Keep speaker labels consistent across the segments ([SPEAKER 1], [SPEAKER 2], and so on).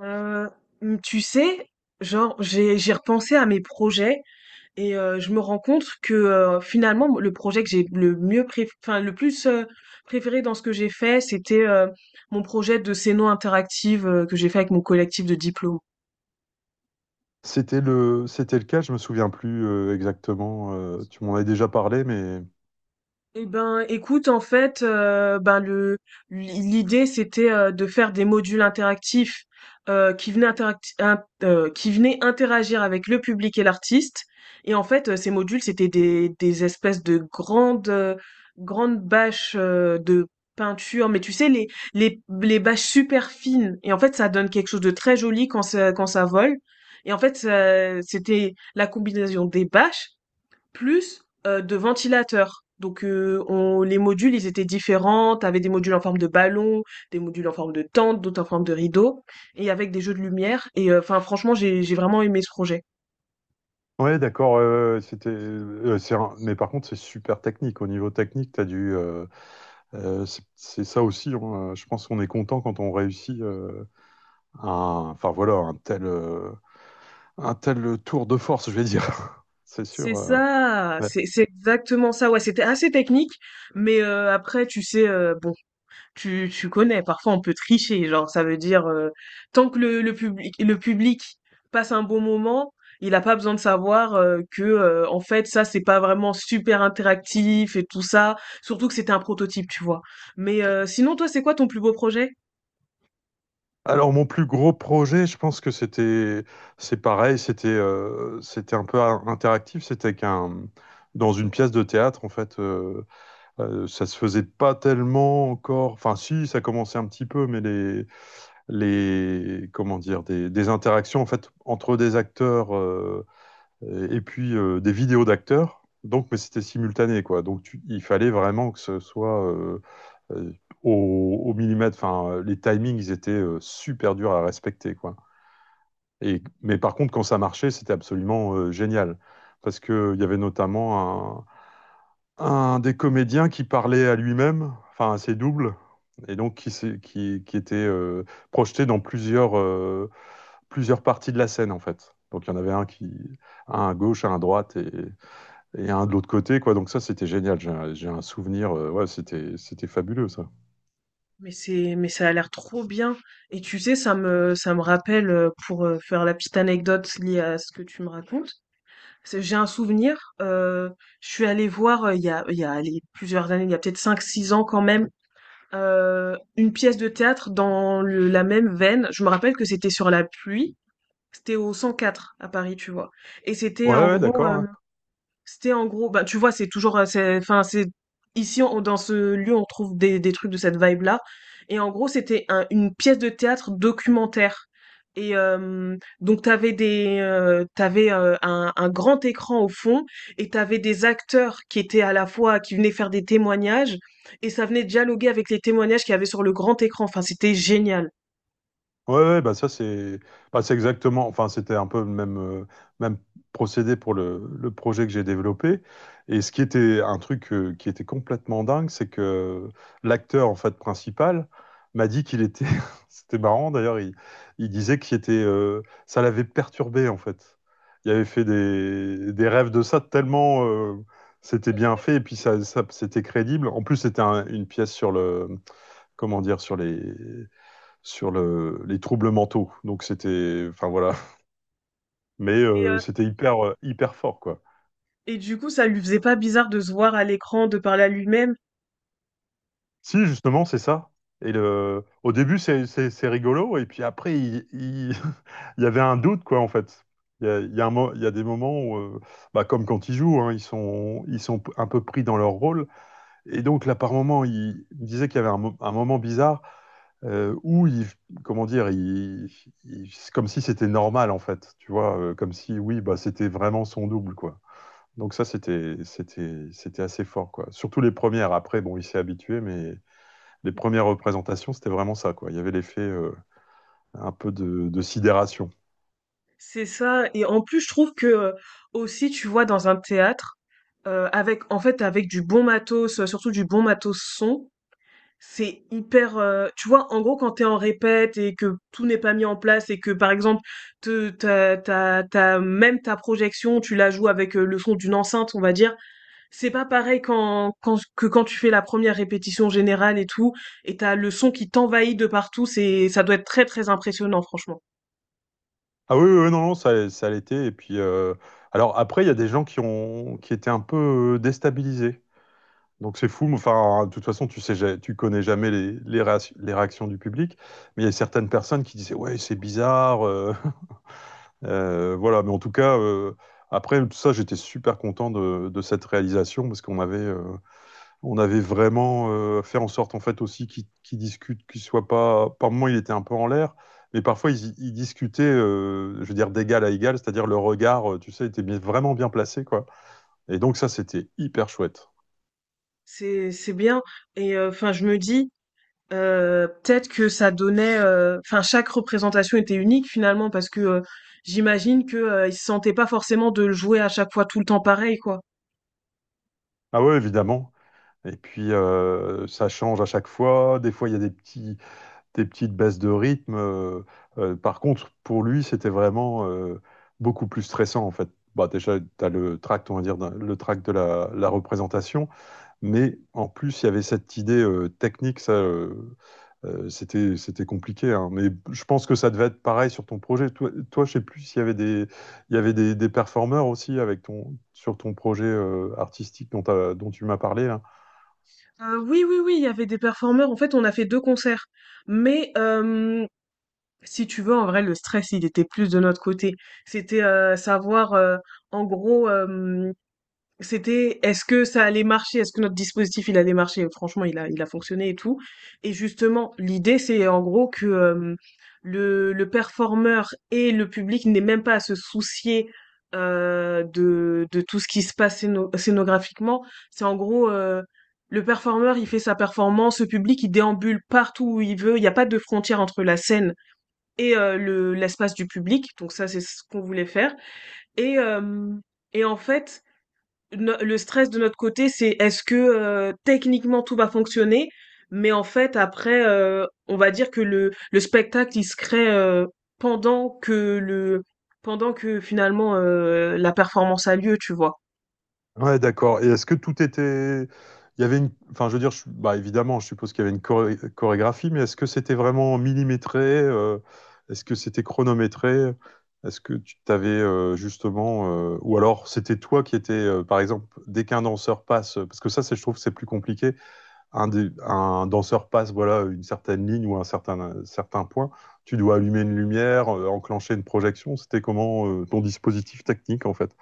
[SPEAKER 1] Euh, tu sais, genre j'ai repensé à mes projets et je me rends compte que finalement le projet que j'ai le mieux enfin le plus préféré dans ce que j'ai fait, c'était mon projet de scéno interactive que j'ai fait avec mon collectif de diplôme.
[SPEAKER 2] C'était le cas, je me souviens plus exactement. Tu m'en as déjà parlé, mais
[SPEAKER 1] Eh ben, écoute, en fait, le l'idée c'était de faire des modules interactifs qui venaient interagir avec le public et l'artiste. Et en fait, ces modules c'était des espèces de grandes grandes bâches de peinture, mais tu sais les bâches super fines. Et en fait, ça donne quelque chose de très joli quand ça vole. Et en fait, c'était la combinaison des bâches plus, de ventilateurs. Donc, on les modules, ils étaient différents. T'avais des modules en forme de ballon, des modules en forme de tente, d'autres en forme de rideau et avec des jeux de lumière et enfin franchement, j'ai vraiment aimé ce projet.
[SPEAKER 2] ouais, d'accord. C'était, c'est un- mais par contre, c'est super technique. Au niveau technique, t'as dû, c'est ça aussi, hein, je pense qu'on est content quand on réussit un, enfin voilà, un tel tour de force, je vais dire. C'est
[SPEAKER 1] C'est
[SPEAKER 2] sûr.
[SPEAKER 1] ça!
[SPEAKER 2] Ouais.
[SPEAKER 1] C'est exactement ça, ouais, c'était assez technique mais, après tu sais, bon. Tu connais, parfois on peut tricher, genre ça veut dire tant que le public passe un bon moment, il a pas besoin de savoir, que, en fait ça c'est pas vraiment super interactif et tout ça, surtout que c'était un prototype, tu vois? Mais, sinon toi c'est quoi ton plus beau projet?
[SPEAKER 2] Alors mon plus gros projet, je pense que c'était, c'est pareil, c'était, c'était un peu interactif, c'était qu'un, dans une pièce de théâtre en fait, ça se faisait pas tellement encore, enfin si, ça commençait un petit peu, mais les, comment dire, des interactions en fait entre des acteurs. Et puis des vidéos d'acteurs. Donc, mais c'était simultané, quoi. Donc, il fallait vraiment que ce soit euh, au, au millimètre. Enfin, les timings, ils étaient super durs à respecter, quoi. Et, mais par contre, quand ça marchait, c'était absolument génial. Parce qu'il y avait notamment un, un des comédiens qui parlait à lui-même, enfin à ses doubles, et donc qui était projeté dans plusieurs, plusieurs parties de la scène, en fait. Donc il y en avait un qui, un à gauche, un à droite, et un de l'autre côté, quoi. Donc ça, c'était génial. J'ai un souvenir. Ouais, c'était, c'était fabuleux, ça.
[SPEAKER 1] Mais ça a l'air trop bien et tu sais ça me rappelle, pour, faire la petite anecdote liée à ce que tu me racontes, c'est j'ai un souvenir, heu, je suis allée voir, il y a allez plusieurs années, il y a peut-être cinq six ans quand même, une pièce de théâtre dans la même veine. Je me rappelle que c'était sur la pluie. C'était au 104 à Paris, tu vois. Et c'était
[SPEAKER 2] Ouais,
[SPEAKER 1] en
[SPEAKER 2] ouais,
[SPEAKER 1] gros, euh,
[SPEAKER 2] d'accord.
[SPEAKER 1] c'était en gros, bah tu vois, c'est toujours, enfin c'est dans ce lieu on trouve des trucs de cette vibe là. Et en gros c'était une pièce de théâtre documentaire. Et donc t'avais un grand écran au fond et t'avais des acteurs qui étaient à la fois qui venaient faire des témoignages et ça venait dialoguer avec les témoignages qu'il y avait sur le grand écran. Enfin c'était génial.
[SPEAKER 2] Ouais, ouais, bah ça c'est bah, c'est exactement, enfin c'était un peu le même, même procédé pour le projet que j'ai développé. Et ce qui était un truc qui était complètement dingue, c'est que l'acteur en fait principal m'a dit qu'il était, c'était marrant d'ailleurs, il disait qu'il était, ça l'avait perturbé en fait. Il avait fait des rêves de ça tellement c'était bien fait et puis ça, c'était crédible. En plus c'était une pièce sur le, comment dire, sur les sur le, les troubles mentaux. Donc c'était, enfin voilà, mais
[SPEAKER 1] Et, euh,
[SPEAKER 2] c'était hyper hyper fort quoi.
[SPEAKER 1] et du coup ça lui faisait pas bizarre de se voir à l'écran, de parler à lui-même.
[SPEAKER 2] Si justement c'est ça. Et le, au début c'est c'est rigolo et puis après il, il y avait un doute quoi en fait. Il y a un il y a des moments où, bah, comme quand ils jouent, hein, ils sont un peu pris dans leur rôle. Et donc là par moment il me disait qu'il y avait un, un moment bizarre où il comment dire, il, c'est comme si c'était normal en fait, tu vois, comme si oui, bah c'était vraiment son double quoi. Donc ça, c'était, c'était, c'était assez fort, quoi. Surtout les premières. Après, bon, il s'est habitué, mais les premières représentations, c'était vraiment ça, quoi. Il y avait l'effet un peu de sidération.
[SPEAKER 1] C'est ça et en plus je trouve que, aussi tu vois dans un théâtre, avec en fait avec du bon matos, surtout du bon matos son, c'est hyper, tu vois en gros quand t'es en répète et que tout n'est pas mis en place et que par exemple te ta ta ta même ta projection tu la joues avec, le son d'une enceinte on va dire. C'est pas pareil quand tu fais la première répétition générale et tout, et t'as le son qui t'envahit de partout, ça doit être très très impressionnant, franchement.
[SPEAKER 2] Ah oui, oui, oui, non, non, ça l'était. Et puis, alors après, il y a des gens qui ont, qui étaient un peu déstabilisés. Donc c'est fou. Mais enfin, de toute façon, tu sais, tu connais jamais les, les, les réactions du public. Mais il y a certaines personnes qui disaient, ouais, c'est bizarre. Voilà, mais en tout cas, après tout ça, j'étais super content de cette réalisation parce qu'on avait, on avait vraiment fait en sorte en fait aussi qu'ils discutent, qu'ils soient pas. Par moment, il était un peu en l'air, mais parfois ils, ils discutaient, je veux dire d'égal à égal, c'est-à-dire le regard, tu sais, était vraiment bien placé quoi. Et donc ça, c'était hyper chouette.
[SPEAKER 1] C'est bien. Et enfin, je me dis, peut-être que ça donnait, enfin chaque représentation était unique finalement parce que, j'imagine que, ils se sentaient pas forcément de le jouer à chaque fois tout le temps pareil, quoi.
[SPEAKER 2] Ah ouais, évidemment. Et puis ça change à chaque fois. Des fois, il y a des petits des petites baisses de rythme. Par contre, pour lui, c'était vraiment beaucoup plus stressant, en fait. Bah, déjà, tu as le tract, on va dire, le tract de la, la représentation, mais en plus, il y avait cette idée technique, ça, c'était, c'était compliqué, hein. Mais je pense que ça devait être pareil sur ton projet. Toi, toi je sais plus s'il y avait des, il y avait des performeurs aussi avec ton, sur ton projet artistique dont, dont tu m'as parlé, là.
[SPEAKER 1] Oui, oui, oui, il y avait des performeurs. En fait, on a fait 2 concerts, mais hem si tu veux, en vrai, le stress, il était plus de notre côté. C'était savoir, en gros, c'était est-ce que ça allait marcher, est-ce que notre dispositif, il allait marcher. Franchement, il a fonctionné et tout. Et justement, l'idée, c'est en gros que le performeur et le public n'aient même pas à se soucier de tout ce qui se passe scénographiquement. C'est en gros, le performeur, il fait sa performance, le public, il déambule partout où il veut, il n'y a pas de frontière entre la scène et le l'espace du public. Donc ça, c'est ce qu'on voulait faire. Et euh, et en fait, le stress de notre côté, c'est est-ce que techniquement tout va fonctionner, mais en fait après, on va dire que le spectacle il se crée pendant que le pendant que finalement la performance a lieu, tu vois.
[SPEAKER 2] Ouais, d'accord. Et est-ce que tout était... Il y avait une... Enfin, je veux dire, bah, évidemment, je suppose qu'il y avait une chorégraphie, mais est-ce que c'était vraiment millimétré? Est-ce que c'était chronométré? Est-ce que tu t'avais justement... Ou alors, c'était toi qui étais, par exemple, dès qu'un danseur passe... Parce que ça, je trouve que c'est plus compliqué. Un, un danseur passe, voilà, une certaine ligne ou un certain point. Tu dois allumer une lumière, enclencher une projection. C'était comment ton dispositif technique, en fait?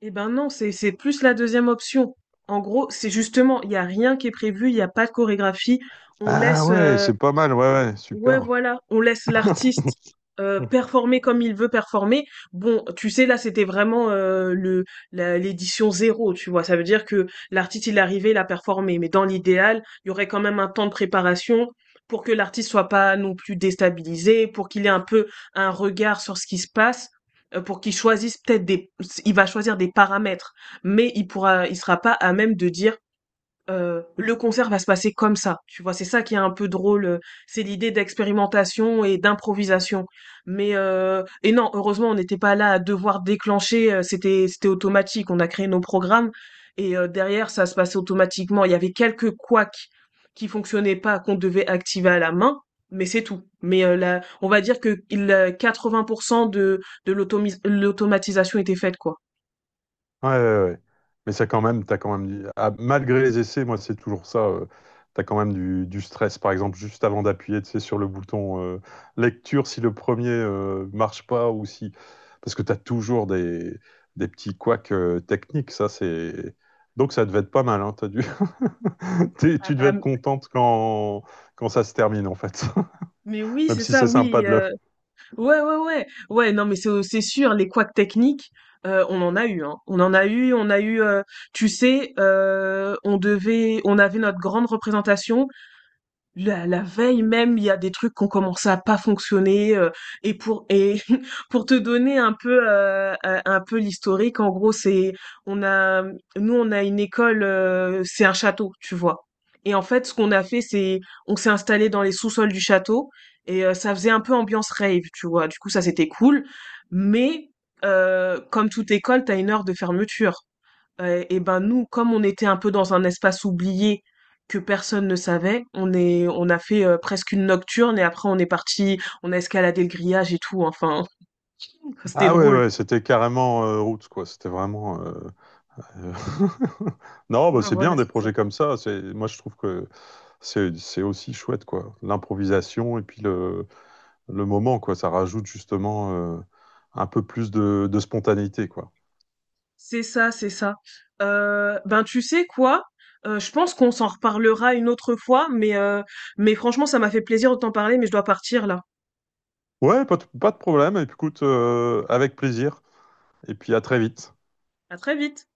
[SPEAKER 1] Eh ben non, c'est plus la deuxième option. En gros, c'est justement, il y a rien qui est prévu, il n'y a pas de chorégraphie. On
[SPEAKER 2] Ah
[SPEAKER 1] laisse
[SPEAKER 2] ouais, c'est pas mal, ouais, ouais,
[SPEAKER 1] Ouais,
[SPEAKER 2] super.
[SPEAKER 1] voilà, on laisse l'artiste performer comme il veut performer. Bon, tu sais, là, c'était vraiment l'édition zéro, tu vois. Ça veut dire que l'artiste, il est arrivé, il a performé. Mais dans l'idéal, il y aurait quand même un temps de préparation pour que l'artiste soit pas non plus déstabilisé, pour qu'il ait un peu un regard sur ce qui se passe, pour qu'il choisisse peut-être des. Il va choisir des paramètres, mais il sera pas à même de dire le concert va se passer comme ça, tu vois? C'est ça qui est un peu drôle, c'est l'idée d'expérimentation et d'improvisation. Mais et non, heureusement, on n'était pas là à devoir déclencher. C'était automatique. On a créé nos programmes et derrière, ça se passait automatiquement. Il y avait quelques couacs qui fonctionnaient pas, qu'on devait activer à la main, mais c'est tout. Mais la on va dire que 80 de l'automatisation était faite, quoi.
[SPEAKER 2] Ouais, ouais, ouais. Mais ça quand même, t'as quand même ah, malgré les essais, moi c'est toujours ça. T'as quand même du stress, par exemple, juste avant d'appuyer, tu sais, sur le bouton lecture, si le premier marche pas ou si, parce que t'as toujours des petits couacs techniques. Ça c'est donc ça devait être pas mal, hein, t'as dû...
[SPEAKER 1] Ah,
[SPEAKER 2] Tu
[SPEAKER 1] ah,
[SPEAKER 2] devais être contente quand quand ça se termine en fait,
[SPEAKER 1] mais oui,
[SPEAKER 2] même
[SPEAKER 1] c'est
[SPEAKER 2] si
[SPEAKER 1] ça,
[SPEAKER 2] c'est sympa
[SPEAKER 1] oui.
[SPEAKER 2] de le
[SPEAKER 1] Ouais, ouais, ouais. Ouais, non, mais c'est sûr, les couacs techniques, on en a eu, hein. On en a eu, tu sais, on avait notre grande représentation. La veille même, il y a des trucs qui ont commencé à pas fonctionner, et pour et pour te donner un peu, un peu l'historique, en gros, c'est on a nous, on a une école, c'est un château, tu vois? Et en fait, ce qu'on a fait, c'est on s'est installé dans les sous-sols du château et ça faisait un peu ambiance rave, tu vois? Du coup, ça, c'était cool mais comme toute école, t'as une heure de fermeture. Et ben nous, comme on était un peu dans un espace oublié que personne ne savait, on a fait presque une nocturne et après on est parti, on a escaladé le grillage et tout. Enfin, c'était
[SPEAKER 2] ah ouais,
[SPEAKER 1] drôle.
[SPEAKER 2] ouais, c'était carrément roots, quoi. C'était vraiment. Euh, Non, bah,
[SPEAKER 1] Ah
[SPEAKER 2] c'est
[SPEAKER 1] voilà,
[SPEAKER 2] bien des
[SPEAKER 1] c'est ça.
[SPEAKER 2] projets comme ça. C'est, moi, je trouve que c'est aussi chouette, quoi. L'improvisation et puis le moment, quoi. Ça rajoute justement un peu plus de spontanéité, quoi.
[SPEAKER 1] C'est ça, c'est ça. Ben tu sais quoi? Je pense qu'on s'en reparlera une autre fois, mais franchement, ça m'a fait plaisir de t'en parler, mais je dois partir là.
[SPEAKER 2] Ouais, pas de, pas de problème. Et puis, écoute, avec plaisir. Et puis, à très vite.
[SPEAKER 1] À très vite.